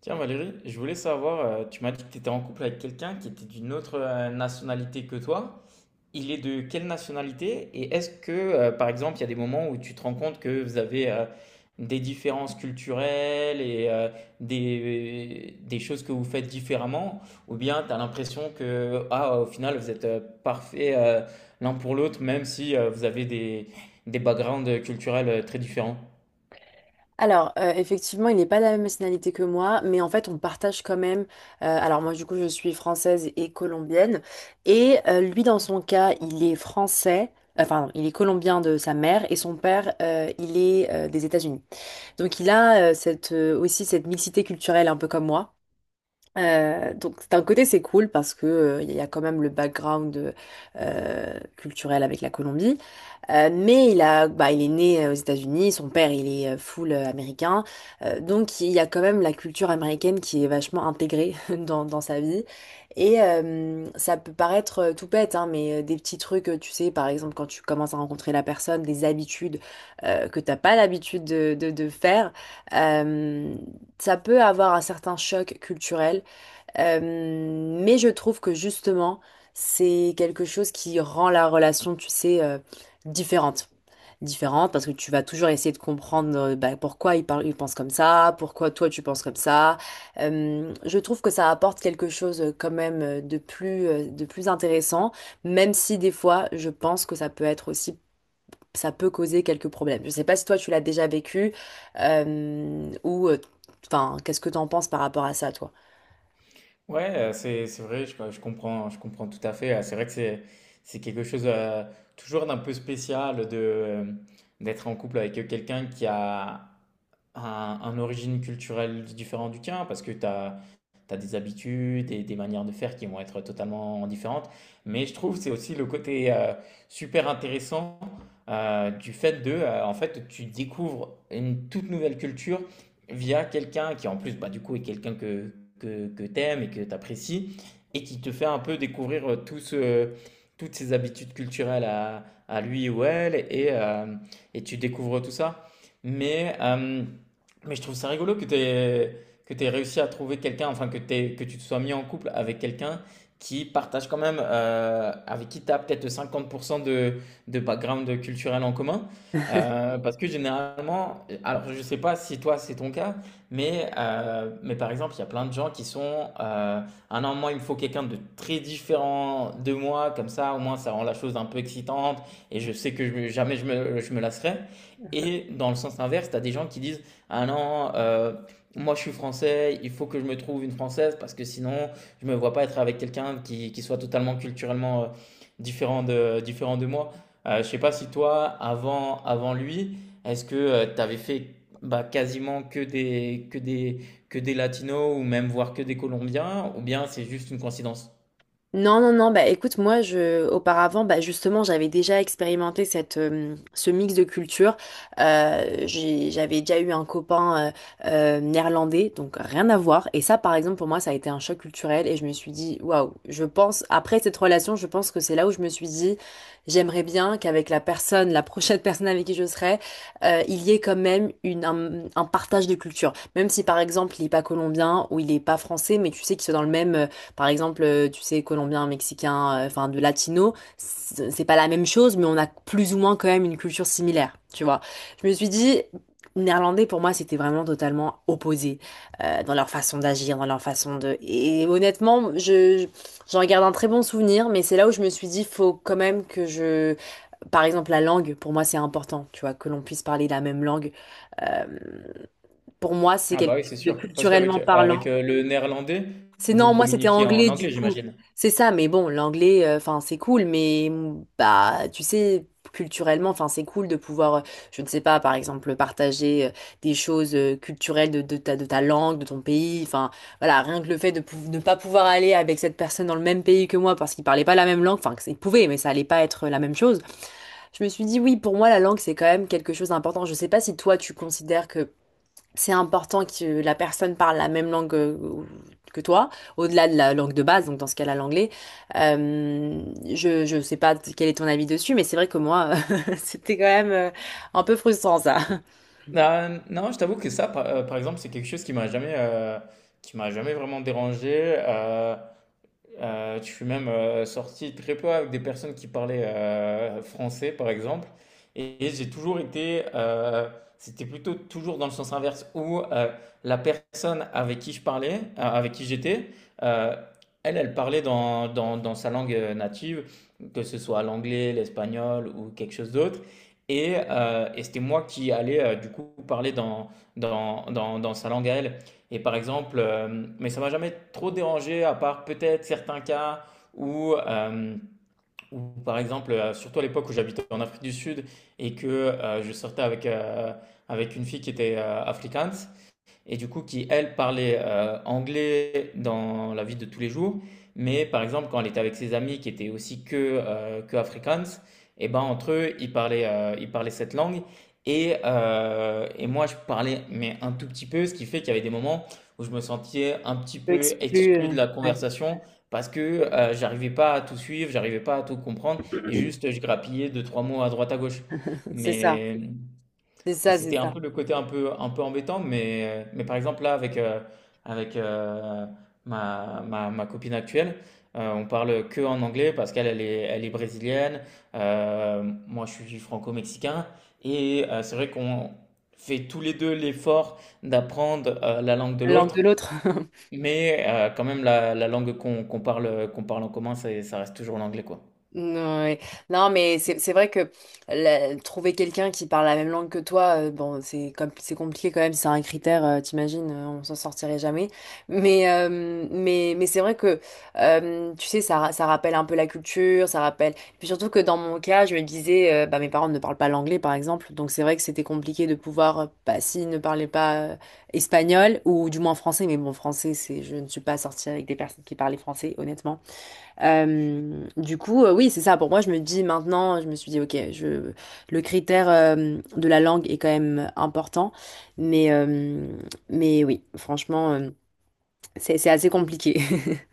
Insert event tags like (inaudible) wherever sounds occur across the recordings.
Tiens Valérie, je voulais savoir, tu m'as dit que tu étais en couple avec quelqu'un qui était d'une autre nationalité que toi. Il est de quelle nationalité? Et est-ce que, par exemple, il y a des moments où tu te rends compte que vous avez des différences culturelles et des choses que vous faites différemment? Ou bien tu as l'impression que, ah, au final, vous êtes parfaits l'un pour l'autre, même si vous avez des backgrounds culturels très différents? Alors, effectivement, il n'est pas de la même nationalité que moi, mais en fait, on partage quand même. Alors, moi, du coup, je suis française et colombienne. Et lui, dans son cas, il est français, enfin, il est colombien de sa mère, et son père, il est des États-Unis. Donc, il a aussi cette mixité culturelle, un peu comme moi. Donc d'un côté c'est cool parce que il y a quand même le background culturel avec la Colombie. Mais il a, bah, il est né aux États-Unis, son père il est full américain. Donc il y a quand même la culture américaine qui est vachement intégrée (laughs) dans sa vie. Et ça peut paraître tout bête, hein, mais des petits trucs, tu sais, par exemple quand tu commences à rencontrer la personne, des habitudes que t'as pas l'habitude de faire, euh, ça peut avoir un certain choc culturel. Mais je trouve que justement, c'est quelque chose qui rend la relation, tu sais, différente. Différente parce que tu vas toujours essayer de comprendre bah, pourquoi il parle, il pense comme ça, pourquoi toi tu penses comme ça. Je trouve que ça apporte quelque chose quand même de plus intéressant, même si des fois je pense que ça peut être aussi, ça peut causer quelques problèmes. Je sais pas si toi tu l'as déjà vécu ou enfin, qu'est-ce que t'en penses par rapport à ça, toi? Ouais, c'est vrai, je comprends, je comprends tout à fait. C'est vrai que c'est quelque chose toujours d'un peu spécial de d'être en couple avec quelqu'un qui a un origine culturelle différente du tien, parce que tu as, des habitudes et des manières de faire qui vont être totalement différentes. Mais je trouve que c'est aussi le côté super intéressant du fait de, en fait, tu découvres une toute nouvelle culture via quelqu'un qui, en plus, bah, du coup, est quelqu'un que t'aimes et que t'apprécies, et qui te fait un peu découvrir toutes ses habitudes culturelles à lui ou elle, et tu découvres tout ça. Mais euh, mais je trouve ça rigolo que tu aies, que tu réussi à trouver quelqu'un, enfin que, t'aies- que tu te sois mis en couple avec quelqu'un qui partage quand même, avec qui tu as peut-être 50% de background culturel en commun. (laughs) Parce que généralement, alors je ne sais pas si toi c'est ton cas, mais par exemple, il y a plein de gens qui sont, ah non, moi il me faut quelqu'un de très différent de moi, comme ça au moins ça rend la chose un peu excitante et je sais que jamais je me lasserai. Et dans le sens inverse, tu as des gens qui disent, ah non, moi je suis français, il faut que je me trouve une française parce que sinon je me vois pas être avec quelqu'un qui soit totalement culturellement, différent de moi. Je sais pas si toi avant lui, est-ce que, tu avais fait, bah, quasiment que des latinos ou même voire que des colombiens ou bien c'est juste une coïncidence? Non, non, non, bah écoute, moi, auparavant, bah justement, j'avais déjà expérimenté ce mix de cultures. J'avais déjà eu un copain néerlandais, donc rien à voir. Et ça, par exemple, pour moi, ça a été un choc culturel et je me suis dit, waouh, je pense, après cette relation, je pense que c'est là où je me suis dit, j'aimerais bien qu'avec la personne, la prochaine (laughs) personne avec qui je serai, il y ait quand même un partage de culture. Même si, par exemple, il n'est pas colombien ou il n'est pas français, mais tu sais qu'ils sont dans le même. Par exemple, tu sais, colombien, mexicain, enfin de latino, c'est pas la même chose, mais on a plus ou moins quand même une culture similaire, tu vois. Je me suis dit, néerlandais pour moi, c'était vraiment totalement opposé dans leur façon d'agir, dans leur façon de. Et honnêtement, je j'en garde un très bon souvenir, mais c'est là où je me suis dit, faut quand même que je. Par exemple, la langue, pour moi, c'est important, tu vois, que l'on puisse parler la même langue. Euh, pour moi, c'est Ah bah quelque oui, chose c'est de sûr, parce qu'avec, culturellement parlant. Le néerlandais, C'est vous non, moi c'était communiquiez en anglais anglais, du coup. j'imagine? C'est ça, mais bon, l'anglais, enfin c'est cool, mais mm, bah tu sais, culturellement, enfin c'est cool de pouvoir, je ne sais pas, par exemple, partager des choses culturelles de ta langue, de ton pays. Enfin voilà, rien que le fait de ne pas pouvoir aller avec cette personne dans le même pays que moi parce qu'il parlait pas la même langue, enfin il pouvait, mais ça allait pas être la même chose. Je me suis dit oui, pour moi la langue c'est quand même quelque chose d'important. Je sais pas si toi tu considères que c'est important que la personne parle la même langue que toi, au-delà de la langue de base, donc dans ce cas-là l'anglais. Euh, je sais pas quel est ton avis dessus, mais c'est vrai que moi, (laughs) c'était quand même un peu frustrant ça. Ah, non, je t'avoue que ça, par, par exemple, c'est quelque chose qui m'a jamais vraiment dérangé. Euh, je suis même sorti très peu avec des personnes qui parlaient français, par exemple. Et j'ai toujours été, c'était plutôt toujours dans le sens inverse, où la personne avec qui je parlais, avec qui j'étais, euh, elle, elle parlait dans sa langue native, que ce soit l'anglais, l'espagnol ou quelque chose d'autre. Et c'était moi qui allais du coup parler dans sa langue à elle. Et par exemple, mais ça m'a jamais trop dérangé, à part peut-être certains cas où, euh, où, par exemple, surtout à l'époque où j'habitais en Afrique du Sud et que je sortais avec, avec une fille qui était afrikaans, et du coup qui, elle, parlait anglais dans la vie de tous les jours, mais par exemple quand elle était avec ses amis qui étaient aussi que Afrikaans, et ben entre eux, ils parlaient cette langue, et moi je parlais mais un tout petit peu, ce qui fait qu'il y avait des moments où je me sentais un petit Je peu m'exclus, exclu de la ouais. conversation. Parce que j'arrivais pas à tout suivre, j'arrivais pas à tout comprendre, et (clears throat) juste je grappillais deux, trois mots à droite à gauche. C'est ça, Mais, c'est et ça, c'est c'était un ça. peu le côté un peu embêtant, mais par exemple là avec, avec euh, ma copine actuelle, on parle que en anglais parce qu'elle elle est brésilienne, moi je suis franco-mexicain, et c'est vrai qu'on fait tous les deux l'effort d'apprendre la langue de La langue l'autre, de l'autre. (laughs) mais quand même la langue qu'on parle, qu'on parle en commun, ça reste toujours l'anglais quoi. Ouais. Non, mais c'est vrai que trouver quelqu'un qui parle la même langue que toi, bon, c'est compliqué quand même, c'est un critère, t'imagines, on s'en sortirait jamais. Mais c'est vrai que tu sais, ça rappelle un peu la culture, ça rappelle. Et puis surtout que dans mon cas, je me disais, bah mes parents ne parlent pas l'anglais par exemple, donc c'est vrai que c'était compliqué de pouvoir, bah s'ils ne parlaient pas espagnol ou du moins français, mais bon, français, c'est, je ne suis pas sortie avec des personnes qui parlaient français, honnêtement. Du coup, oui, c'est ça. Pour moi, je me dis maintenant, je me suis dit, ok, le critère de la langue est quand même important, mais, euh, mais oui, franchement, c'est assez compliqué. (laughs)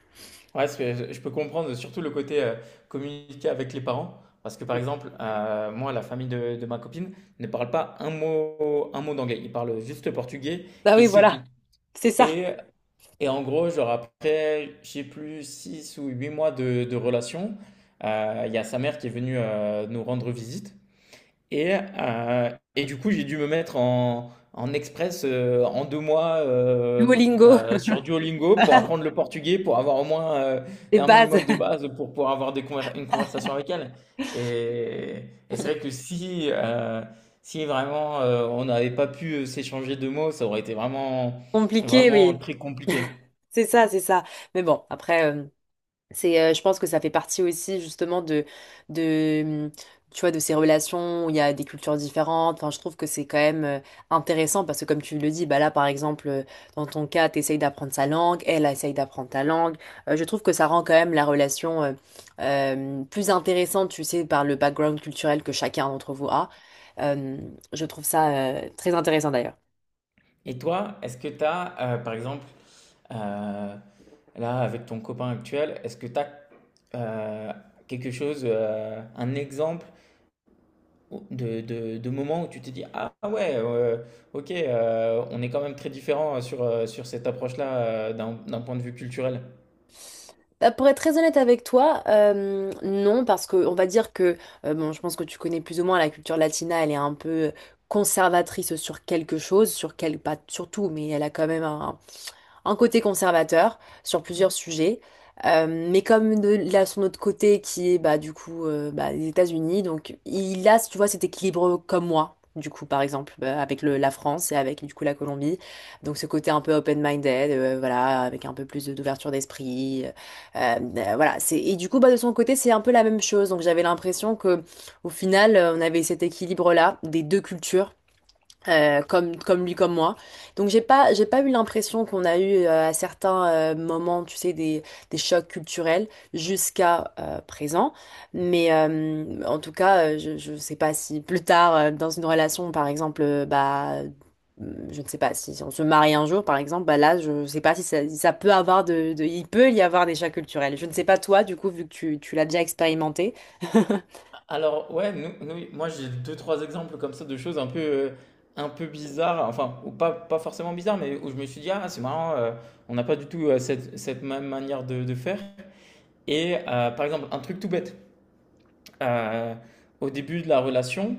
Ouais, je peux comprendre surtout le côté communiquer avec les parents. Parce que par exemple, moi, la famille de ma copine ne parle pas un mot d'anglais. Ils parlent juste le portugais Bah et oui, c'est tout. voilà, c'est ça. Et, et en gros, genre après, je sais plus, 6 ou 8 mois de relation, il y a sa mère qui est venue nous rendre visite. Et, euh, et du coup, j'ai dû me mettre en, en express en 2 mois Duolingo, sur Duolingo pour (laughs) apprendre le portugais, pour avoir au moins les un bases, minimum de base, pour pouvoir avoir une conversation avec elle. Et, et c'est vrai que si, si vraiment on n'avait pas pu s'échanger de mots, ça aurait été vraiment, compliqué, vraiment oui. très compliqué. C'est ça, c'est ça. Mais bon, après. C'est, je pense que ça fait partie aussi justement de tu vois, de ces relations où il y a des cultures différentes. Enfin, je trouve que c'est quand même intéressant parce que comme tu le dis, bah là par exemple, dans ton cas, tu essayes d'apprendre sa langue, elle essaye d'apprendre ta langue. Je trouve que ça rend quand même la relation plus intéressante, tu sais, par le background culturel que chacun d'entre vous a. Euh, je trouve ça très intéressant d'ailleurs. Et toi, est-ce que tu as, par exemple, Euh, là, avec ton copain actuel, est-ce que tu as euh, quelque chose, un exemple de moment où tu t'es dit, ah ouais, ok, on est quand même très différents sur, sur cette approche-là d'un point de vue culturel. Bah, pour être très honnête avec toi, non, parce que on va dire que, bon, je pense que tu connais plus ou moins la culture latina, elle est un peu conservatrice sur quelque chose, sur quel, pas sur tout, mais elle a quand même un côté conservateur sur plusieurs sujets. Mais comme de, là, son autre côté qui est bah, du coup bah, les États-Unis, donc il a, tu vois, cet équilibre comme moi, du coup, par exemple, avec la France et avec du coup la Colombie. Donc ce côté un peu open-minded, voilà, avec un peu d'ouverture d'esprit. Voilà, c'est, et du coup, bah, de son côté, c'est un peu la même chose. Donc j'avais l'impression que au final, on avait cet équilibre-là des deux cultures comme, comme lui, comme moi. Donc j'ai pas eu l'impression qu'on a eu à certains moments, tu sais, des chocs culturels jusqu'à présent. Mais en tout cas, je sais pas si plus tard, dans une relation, par exemple, je ne sais pas si on se marie un jour, par exemple, bah là, je ne sais pas si ça, si ça peut avoir il peut y avoir des chocs culturels. Je ne sais pas toi, du coup, vu que tu l'as déjà expérimenté. (laughs) Alors ouais, moi j'ai deux, trois exemples comme ça de choses un peu bizarres, enfin, ou pas, pas forcément bizarres, mais où je me suis dit, ah c'est marrant, on n'a pas du tout cette même manière de faire. Et par exemple, un truc tout bête. euh, au début de la relation,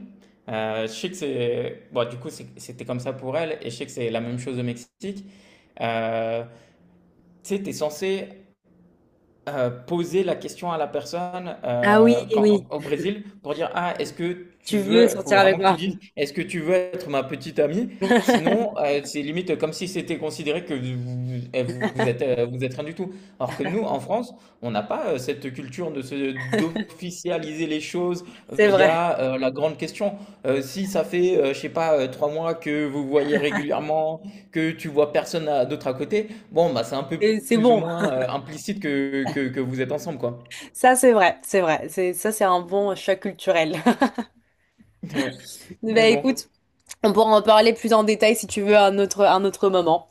je sais que c'est. Bon, du coup, c'était comme ça pour elle, et je sais que c'est la même chose au Mexique. Euh, tu sais, t'es censé poser la question à la personne Ah oui, oui. au Brésil pour dire, ah, est-ce que tu Tu veux veux, faut sortir avec vraiment que tu moi. dises, est-ce que tu veux être ma petite amie? Sinon, (laughs) c'est limite comme si c'était considéré que vous, eh, vous êtes rien du tout. Alors que nous, en France, on n'a pas cette culture de se, d'officialiser les choses C'est vrai. via la grande question. Si ça fait, je sais pas, 3 mois que vous voyez régulièrement, que tu vois personne d'autre à côté, bon, bah, c'est un peu Et c'est plus ou bon. moins implicite que vous êtes ensemble, quoi. Ça, c'est vrai. C'est vrai. C'est, ça, c'est un bon choc culturel. (laughs) Ouais. Mais Bah bon, écoute, on pourra en parler plus en détail si tu veux à un autre moment.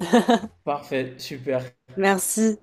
parfait, super. Merci.